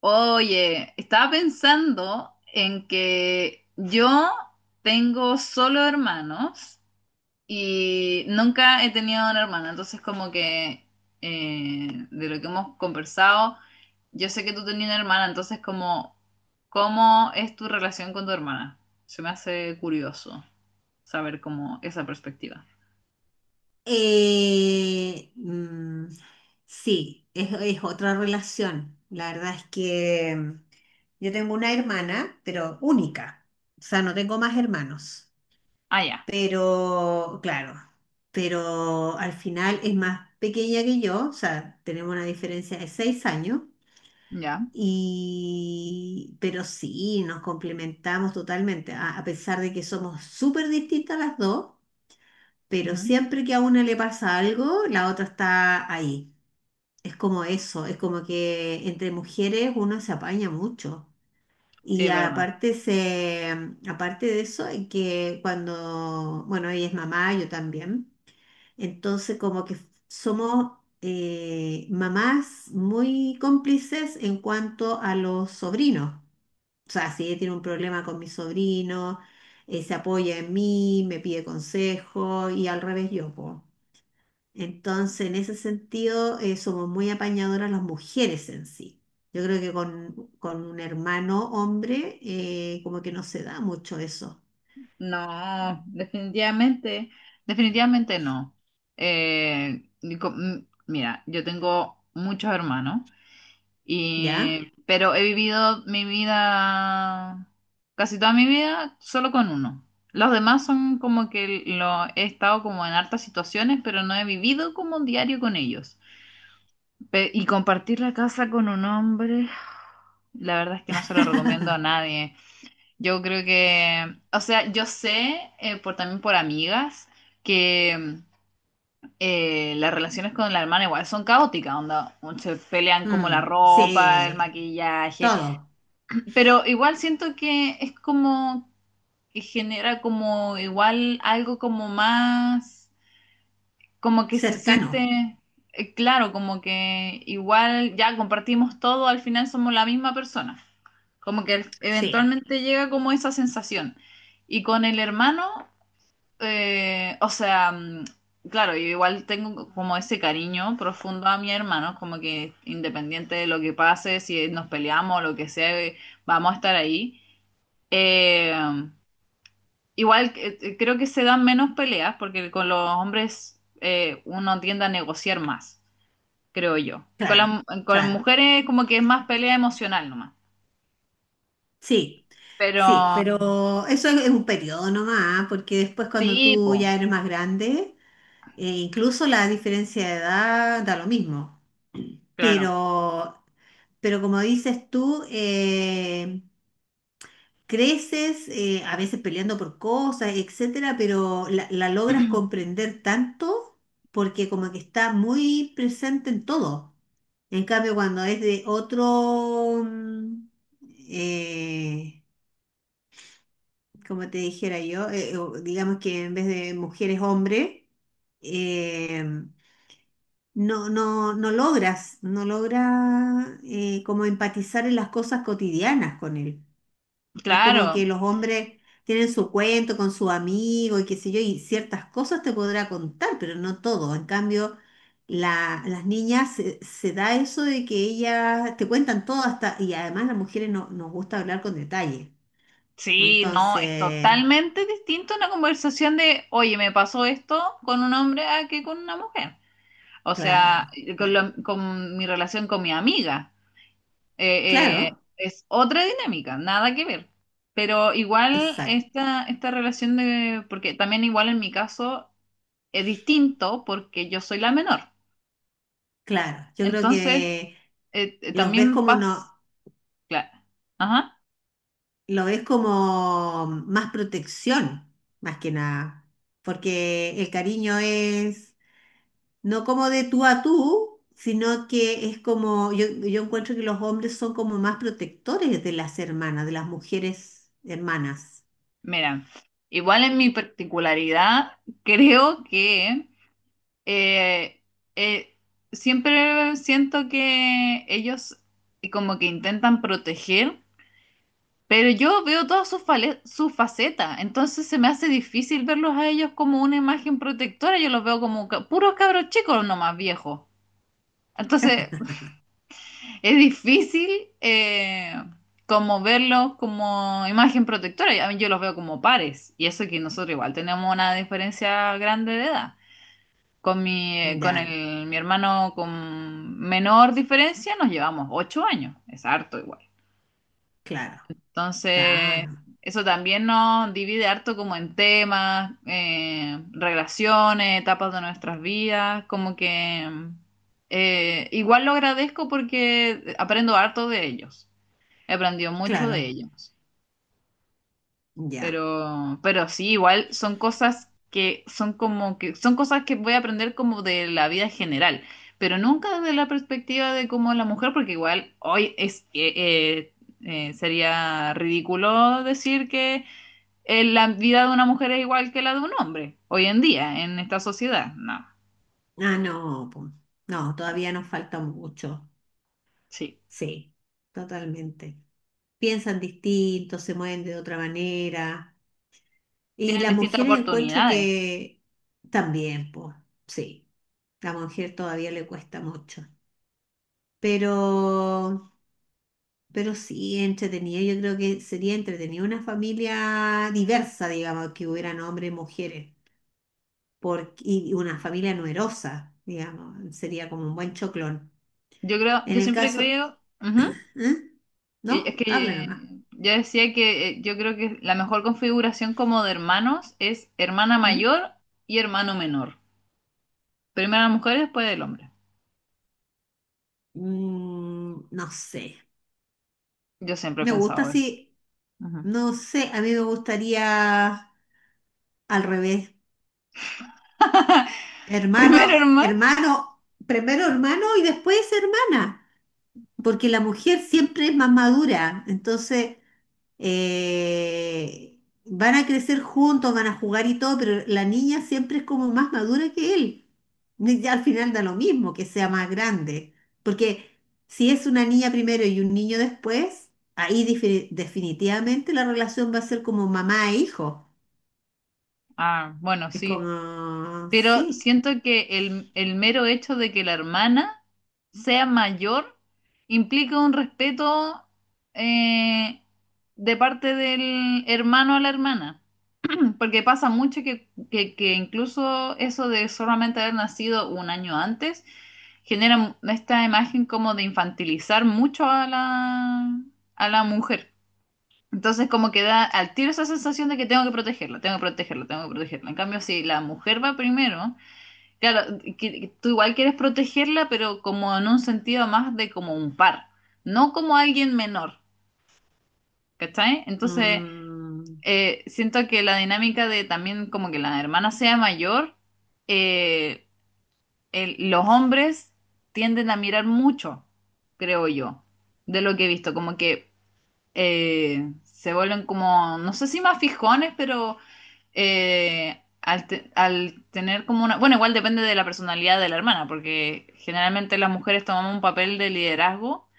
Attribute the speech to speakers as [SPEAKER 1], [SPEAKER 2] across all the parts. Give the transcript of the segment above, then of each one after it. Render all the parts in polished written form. [SPEAKER 1] Oye, estaba pensando en que yo tengo solo hermanos y nunca he tenido una hermana, entonces como que de lo que hemos conversado, yo sé que tú tenías una hermana, entonces como, ¿cómo es tu relación con tu hermana? Se me hace curioso saber como esa perspectiva.
[SPEAKER 2] Eh, mm, sí, es otra relación. La verdad es que yo tengo una hermana, pero única. O sea, no tengo más hermanos.
[SPEAKER 1] Ah, ya,
[SPEAKER 2] Pero, claro, pero al final es más pequeña que yo. O sea, tenemos una diferencia de 6 años.
[SPEAKER 1] ya.
[SPEAKER 2] Y, pero sí, nos complementamos totalmente. A pesar de que somos súper distintas las dos, pero
[SPEAKER 1] Ujú.
[SPEAKER 2] siempre que a una le pasa algo, la otra está ahí. Es como eso, es como que entre mujeres uno se apaña mucho.
[SPEAKER 1] Sí,
[SPEAKER 2] Y
[SPEAKER 1] es verdad.
[SPEAKER 2] aparte, aparte de eso, es que cuando, bueno, ella es mamá, yo también, entonces como que somos mamás muy cómplices en cuanto a los sobrinos. O sea, si ella tiene un problema con mi sobrino, se apoya en mí, me pide consejo y al revés yo, po. Entonces, en ese sentido, somos muy apañadoras las mujeres en sí. Yo creo que con un hermano hombre, como que no se da mucho eso,
[SPEAKER 1] No, definitivamente, definitivamente no. Ni co- m- mira, yo tengo muchos hermanos,
[SPEAKER 2] ¿ya?
[SPEAKER 1] y, pero he vivido mi vida, casi toda mi vida, solo con uno. Los demás son como que lo he estado como en hartas situaciones, pero no he vivido como un diario con ellos. Y compartir la casa con un hombre, la verdad es que no se lo recomiendo a nadie. Yo creo que, o sea, yo sé por también por amigas que las relaciones con la hermana igual son caóticas, onda, se pelean como la
[SPEAKER 2] Mm,
[SPEAKER 1] ropa, el
[SPEAKER 2] sí,
[SPEAKER 1] maquillaje,
[SPEAKER 2] todo,
[SPEAKER 1] pero igual siento que es como que genera como igual algo como más, como que se
[SPEAKER 2] cercano,
[SPEAKER 1] siente, claro, como que igual ya compartimos todo, al final somos la misma persona. Como que
[SPEAKER 2] sí,
[SPEAKER 1] eventualmente llega como esa sensación. Y con el hermano, o sea, claro, yo igual tengo como ese cariño profundo a mi hermano, como que independiente de lo que pase, si nos peleamos o lo que sea, vamos a estar ahí. Eh, igual creo que se dan menos peleas porque con los hombres uno tiende a negociar más, creo yo. Con las,
[SPEAKER 2] claro,
[SPEAKER 1] con las
[SPEAKER 2] claro,
[SPEAKER 1] mujeres como que es más pelea emocional nomás.
[SPEAKER 2] sí,
[SPEAKER 1] Pero
[SPEAKER 2] sí, pero eso es un periodo nomás, ¿ah? Porque después cuando
[SPEAKER 1] sí,
[SPEAKER 2] tú
[SPEAKER 1] po,
[SPEAKER 2] ya eres más grande, incluso la diferencia de edad da lo mismo,
[SPEAKER 1] claro.
[SPEAKER 2] pero Pero como dices tú, creces a veces peleando por cosas, etcétera, pero la logras comprender tanto porque como que está muy presente en todo. En cambio, cuando es de otro, eh, como te dijera yo, o digamos que en vez de mujeres, hombre, eh, no, no, no logras como empatizar en las cosas cotidianas con él. Es como
[SPEAKER 1] Claro,
[SPEAKER 2] que los hombres tienen su cuento con su amigo y qué sé yo, y ciertas cosas te podrá contar, pero no todo. En cambio, las niñas se da eso de que ellas te cuentan todo hasta, y además las mujeres no, nos gusta hablar con detalle.
[SPEAKER 1] sí, no, es
[SPEAKER 2] Entonces,
[SPEAKER 1] totalmente distinto una conversación de, oye, me pasó esto con un hombre a que con una mujer. O sea,
[SPEAKER 2] claro,
[SPEAKER 1] con,
[SPEAKER 2] claro,
[SPEAKER 1] lo- con mi relación con mi amiga. Eh, eh,
[SPEAKER 2] claro,
[SPEAKER 1] es otra dinámica, nada que ver. Pero igual
[SPEAKER 2] exacto,
[SPEAKER 1] esta relación de, porque también igual en mi caso es distinto porque yo soy la menor.
[SPEAKER 2] claro. Yo creo
[SPEAKER 1] Entonces,
[SPEAKER 2] que los ves
[SPEAKER 1] también
[SPEAKER 2] como
[SPEAKER 1] pasa,
[SPEAKER 2] no,
[SPEAKER 1] claro. Ajá.
[SPEAKER 2] lo ves como más protección, más que nada, porque el cariño es no como de tú a tú, sino que es como, yo encuentro que los hombres son como más protectores de las hermanas, de las mujeres hermanas.
[SPEAKER 1] Mira, igual en mi particularidad, creo que eh, eh, siempre siento que ellos como que intentan proteger, pero yo veo todas sus sus facetas, entonces se me hace difícil verlos a ellos como una imagen protectora, yo los veo como puros cabros chicos, no más viejos. Entonces, es difícil como verlos como imagen protectora. A mí yo los veo como pares. Y eso que nosotros igual tenemos una diferencia grande de edad. Con mi, eh, con
[SPEAKER 2] Ya,
[SPEAKER 1] el, mi hermano con menor diferencia nos llevamos 8 años. Es harto igual.
[SPEAKER 2] claro,
[SPEAKER 1] Entonces,
[SPEAKER 2] claro,
[SPEAKER 1] eso también nos divide harto como en temas, relaciones, etapas de nuestras vidas. Como que igual lo agradezco porque aprendo harto de ellos. Aprendió mucho de
[SPEAKER 2] claro,
[SPEAKER 1] ellos.
[SPEAKER 2] ya.
[SPEAKER 1] Pero sí, igual son cosas que son como que son cosas que voy a aprender como de la vida general, pero nunca desde la perspectiva de cómo la mujer, porque igual hoy es sería ridículo decir que la vida de una mujer es igual que la de un hombre hoy en día en esta sociedad. No,
[SPEAKER 2] Ah, no, po. No, todavía nos falta mucho.
[SPEAKER 1] sí,
[SPEAKER 2] Sí, totalmente. Piensan distinto, se mueven de otra manera. Y
[SPEAKER 1] tienen
[SPEAKER 2] las
[SPEAKER 1] distintas
[SPEAKER 2] mujeres encuentro
[SPEAKER 1] oportunidades.
[SPEAKER 2] que también, pues, sí, la mujer todavía le cuesta mucho. Pero, pero sí, entretenido. Yo creo que sería entretenido una familia diversa, digamos, que hubieran hombres y mujeres, y una familia numerosa, digamos, sería como un buen choclón.
[SPEAKER 1] Yo creo,
[SPEAKER 2] En
[SPEAKER 1] yo
[SPEAKER 2] el
[SPEAKER 1] siempre
[SPEAKER 2] caso,
[SPEAKER 1] creo, ujú.
[SPEAKER 2] ¿eh? ¿No?
[SPEAKER 1] Es
[SPEAKER 2] Habla
[SPEAKER 1] que
[SPEAKER 2] nomás.
[SPEAKER 1] yo decía que yo creo que la mejor configuración como de hermanos es hermana
[SPEAKER 2] ¿Mm?
[SPEAKER 1] mayor y hermano menor. Primero la mujer y después el hombre.
[SPEAKER 2] Mm, no sé.
[SPEAKER 1] Yo siempre he
[SPEAKER 2] Me gusta
[SPEAKER 1] pensado eso.
[SPEAKER 2] así.
[SPEAKER 1] Ujú.
[SPEAKER 2] No sé, a mí me gustaría al revés. Hermano,
[SPEAKER 1] Primero hermano.
[SPEAKER 2] hermano, primero hermano y después hermana. Porque la mujer siempre es más madura, entonces van a crecer juntos, van a jugar y todo, pero la niña siempre es como más madura que él. Y ya al final da lo mismo que sea más grande, porque si es una niña primero y un niño después, ahí definitivamente la relación va a ser como mamá e hijo.
[SPEAKER 1] Ah, bueno,
[SPEAKER 2] Es
[SPEAKER 1] sí.
[SPEAKER 2] como,
[SPEAKER 1] Pero
[SPEAKER 2] sí.
[SPEAKER 1] siento que el mero hecho de que la hermana sea mayor implica un respeto eh, de parte del hermano a la hermana. Porque pasa mucho que incluso eso de solamente haber nacido un año antes genera esta imagen como de infantilizar mucho a la mujer. Entonces como que da al tiro esa sensación de que tengo que protegerla, tengo que protegerla, tengo que protegerla. En cambio, si la mujer va primero, claro, que tú igual quieres protegerla, pero como en un sentido más de como un par, no como alguien menor, ¿cachai? Entonces
[SPEAKER 2] mm,
[SPEAKER 1] siento que la dinámica de también como que la hermana sea mayor, eh, los hombres tienden a mirar mucho, creo yo, de lo que he visto, como que se vuelven como, no sé si más fijones, pero al tener como una, bueno, igual depende de la personalidad de la hermana, porque generalmente las mujeres tomamos un papel de liderazgo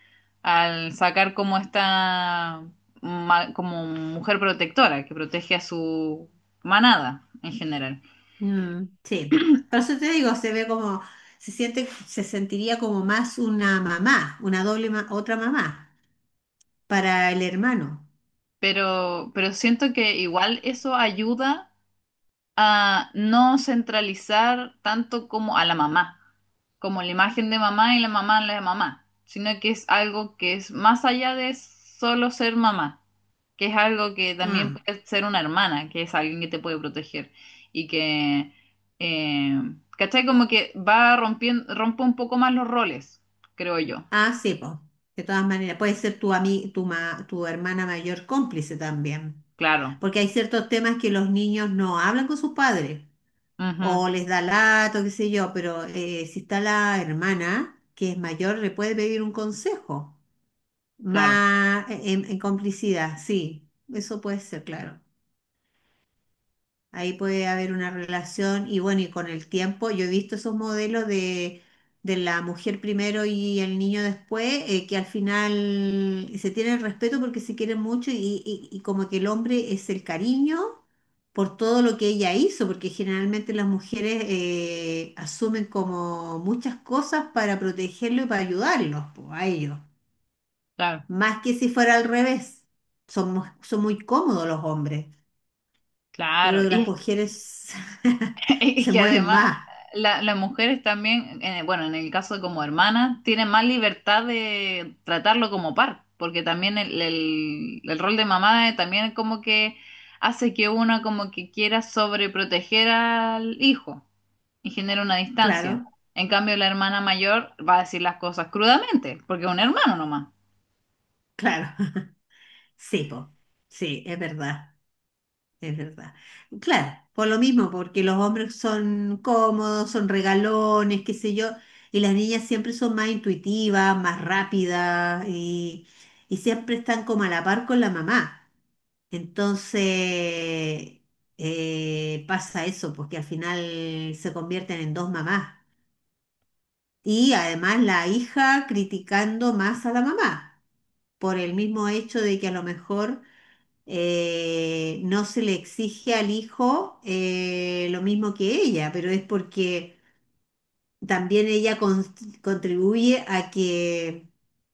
[SPEAKER 1] al sacar como esta como mujer protectora que protege a su manada en general.
[SPEAKER 2] Mm, sí, por eso te digo, se siente, se sentiría como más una mamá, una doble, otra mamá para el hermano.
[SPEAKER 1] Pero siento que igual eso ayuda a no centralizar tanto como a la mamá, como la imagen de mamá y la mamá en la de mamá, sino que es algo que es más allá de solo ser mamá, que es algo que también
[SPEAKER 2] Mm.
[SPEAKER 1] puede ser una hermana, que es alguien que te puede proteger y que, eh, ¿cachai? Como que va rompiendo, rompe un poco más los roles, creo yo.
[SPEAKER 2] Ah, sí, pues, de todas maneras, puede ser tu, ami- tu, ma- tu hermana mayor cómplice también,
[SPEAKER 1] Claro,
[SPEAKER 2] porque hay ciertos temas que los niños no hablan con sus padres,
[SPEAKER 1] ujú,
[SPEAKER 2] o les da lato, qué sé yo, pero si está la hermana, que es mayor, le puede pedir un consejo,
[SPEAKER 1] claro,
[SPEAKER 2] más en complicidad, sí, eso puede ser, claro. Ahí puede haber una relación y bueno, y con el tiempo, yo he visto esos modelos de, la mujer primero y el niño después, que al final se tienen respeto porque se quieren mucho y como que el hombre es el cariño por todo lo que ella hizo, porque generalmente las mujeres asumen como muchas cosas para protegerlo y para ayudarlos, po, a ellos,
[SPEAKER 1] claro,
[SPEAKER 2] más que si fuera al revés, son muy cómodos los hombres. Yo
[SPEAKER 1] claro.
[SPEAKER 2] creo que
[SPEAKER 1] Y
[SPEAKER 2] las
[SPEAKER 1] es
[SPEAKER 2] mujeres
[SPEAKER 1] Y
[SPEAKER 2] se
[SPEAKER 1] que
[SPEAKER 2] mueven
[SPEAKER 1] además
[SPEAKER 2] más,
[SPEAKER 1] las mujeres también, bueno, en el caso de como hermanas, tienen más libertad de tratarlo como par, porque también el rol de mamá también como que hace que una como que quiera sobreproteger al hijo y genera una distancia.
[SPEAKER 2] claro,
[SPEAKER 1] En cambio, la hermana mayor va a decir las cosas crudamente, porque es un hermano nomás.
[SPEAKER 2] claro. Sí, po. Sí, es verdad, es verdad. Claro, por lo mismo, porque los hombres son cómodos, son regalones, qué sé yo, y las niñas siempre son más intuitivas, más rápidas y, siempre están como a la par con la mamá. Entonces, pasa eso, porque al final se convierten en dos mamás. Y además la hija criticando más a la mamá por el mismo hecho de que a lo mejor no se le exige al hijo lo mismo que ella, pero es porque también ella contribuye a que,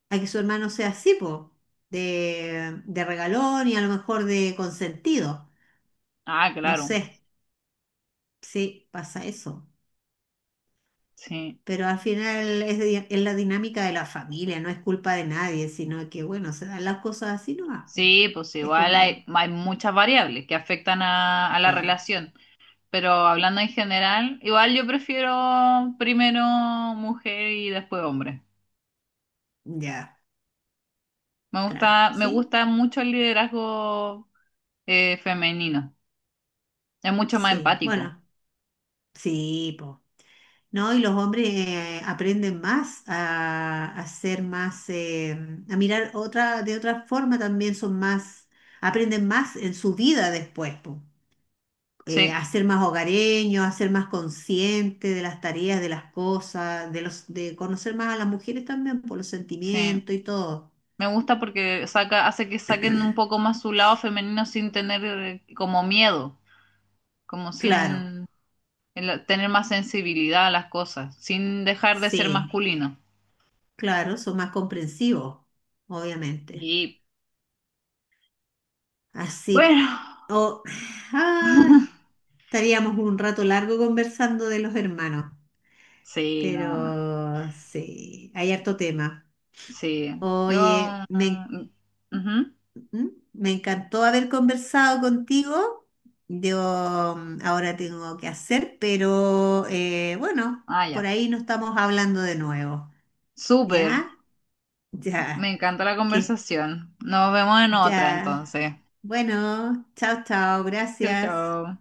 [SPEAKER 2] a que su hermano sea así, po, de regalón y a lo mejor de consentido.
[SPEAKER 1] Ah,
[SPEAKER 2] No
[SPEAKER 1] claro,
[SPEAKER 2] sé, sí, pasa eso.
[SPEAKER 1] sí.
[SPEAKER 2] Pero al final es, es la dinámica de la familia, no es culpa de nadie, sino que, bueno, se dan las cosas así, ¿no? Ah,
[SPEAKER 1] Sí, pues
[SPEAKER 2] es
[SPEAKER 1] igual
[SPEAKER 2] como,
[SPEAKER 1] hay muchas variables que afectan a la
[SPEAKER 2] claro,
[SPEAKER 1] relación. Pero hablando en general, igual yo prefiero primero mujer y después hombre.
[SPEAKER 2] ya,
[SPEAKER 1] Me
[SPEAKER 2] claro,
[SPEAKER 1] gusta, me
[SPEAKER 2] sí,
[SPEAKER 1] gusta mucho el liderazgo femenino. Es mucho más
[SPEAKER 2] sí,
[SPEAKER 1] empático.
[SPEAKER 2] bueno, sí, po. No, y los hombres aprenden más a ser más, a mirar otra, de otra forma también son más, aprenden más en su vida después, po. A
[SPEAKER 1] Sí,
[SPEAKER 2] ser más hogareño, a ser más consciente de las tareas, de las cosas, de conocer más a las mujeres también por los
[SPEAKER 1] sí.
[SPEAKER 2] sentimientos y todo.
[SPEAKER 1] Me gusta porque hace que saquen un poco más su lado femenino sin tener como miedo, como
[SPEAKER 2] Claro,
[SPEAKER 1] sin tener más sensibilidad a las cosas, sin dejar de ser
[SPEAKER 2] sí,
[SPEAKER 1] masculino.
[SPEAKER 2] claro, son más comprensivos, obviamente.
[SPEAKER 1] Y
[SPEAKER 2] Así,
[SPEAKER 1] bueno,
[SPEAKER 2] oh, ay, estaríamos un rato largo conversando de los hermanos,
[SPEAKER 1] sí, no.
[SPEAKER 2] pero sí, hay harto tema.
[SPEAKER 1] Sí, yo...
[SPEAKER 2] Oye, me
[SPEAKER 1] mm, ujú.
[SPEAKER 2] ¿Mm? Me encantó haber conversado contigo. Yo ahora tengo que hacer, pero bueno,
[SPEAKER 1] Ah,
[SPEAKER 2] por
[SPEAKER 1] ya.
[SPEAKER 2] ahí nos estamos hablando de nuevo.
[SPEAKER 1] Súper.
[SPEAKER 2] ¿Ya?
[SPEAKER 1] Me
[SPEAKER 2] Ya.
[SPEAKER 1] encanta la
[SPEAKER 2] Que
[SPEAKER 1] conversación. Nos vemos en otra
[SPEAKER 2] ya.
[SPEAKER 1] entonces.
[SPEAKER 2] Bueno, chao, chao.
[SPEAKER 1] Chau,
[SPEAKER 2] Gracias.
[SPEAKER 1] chau.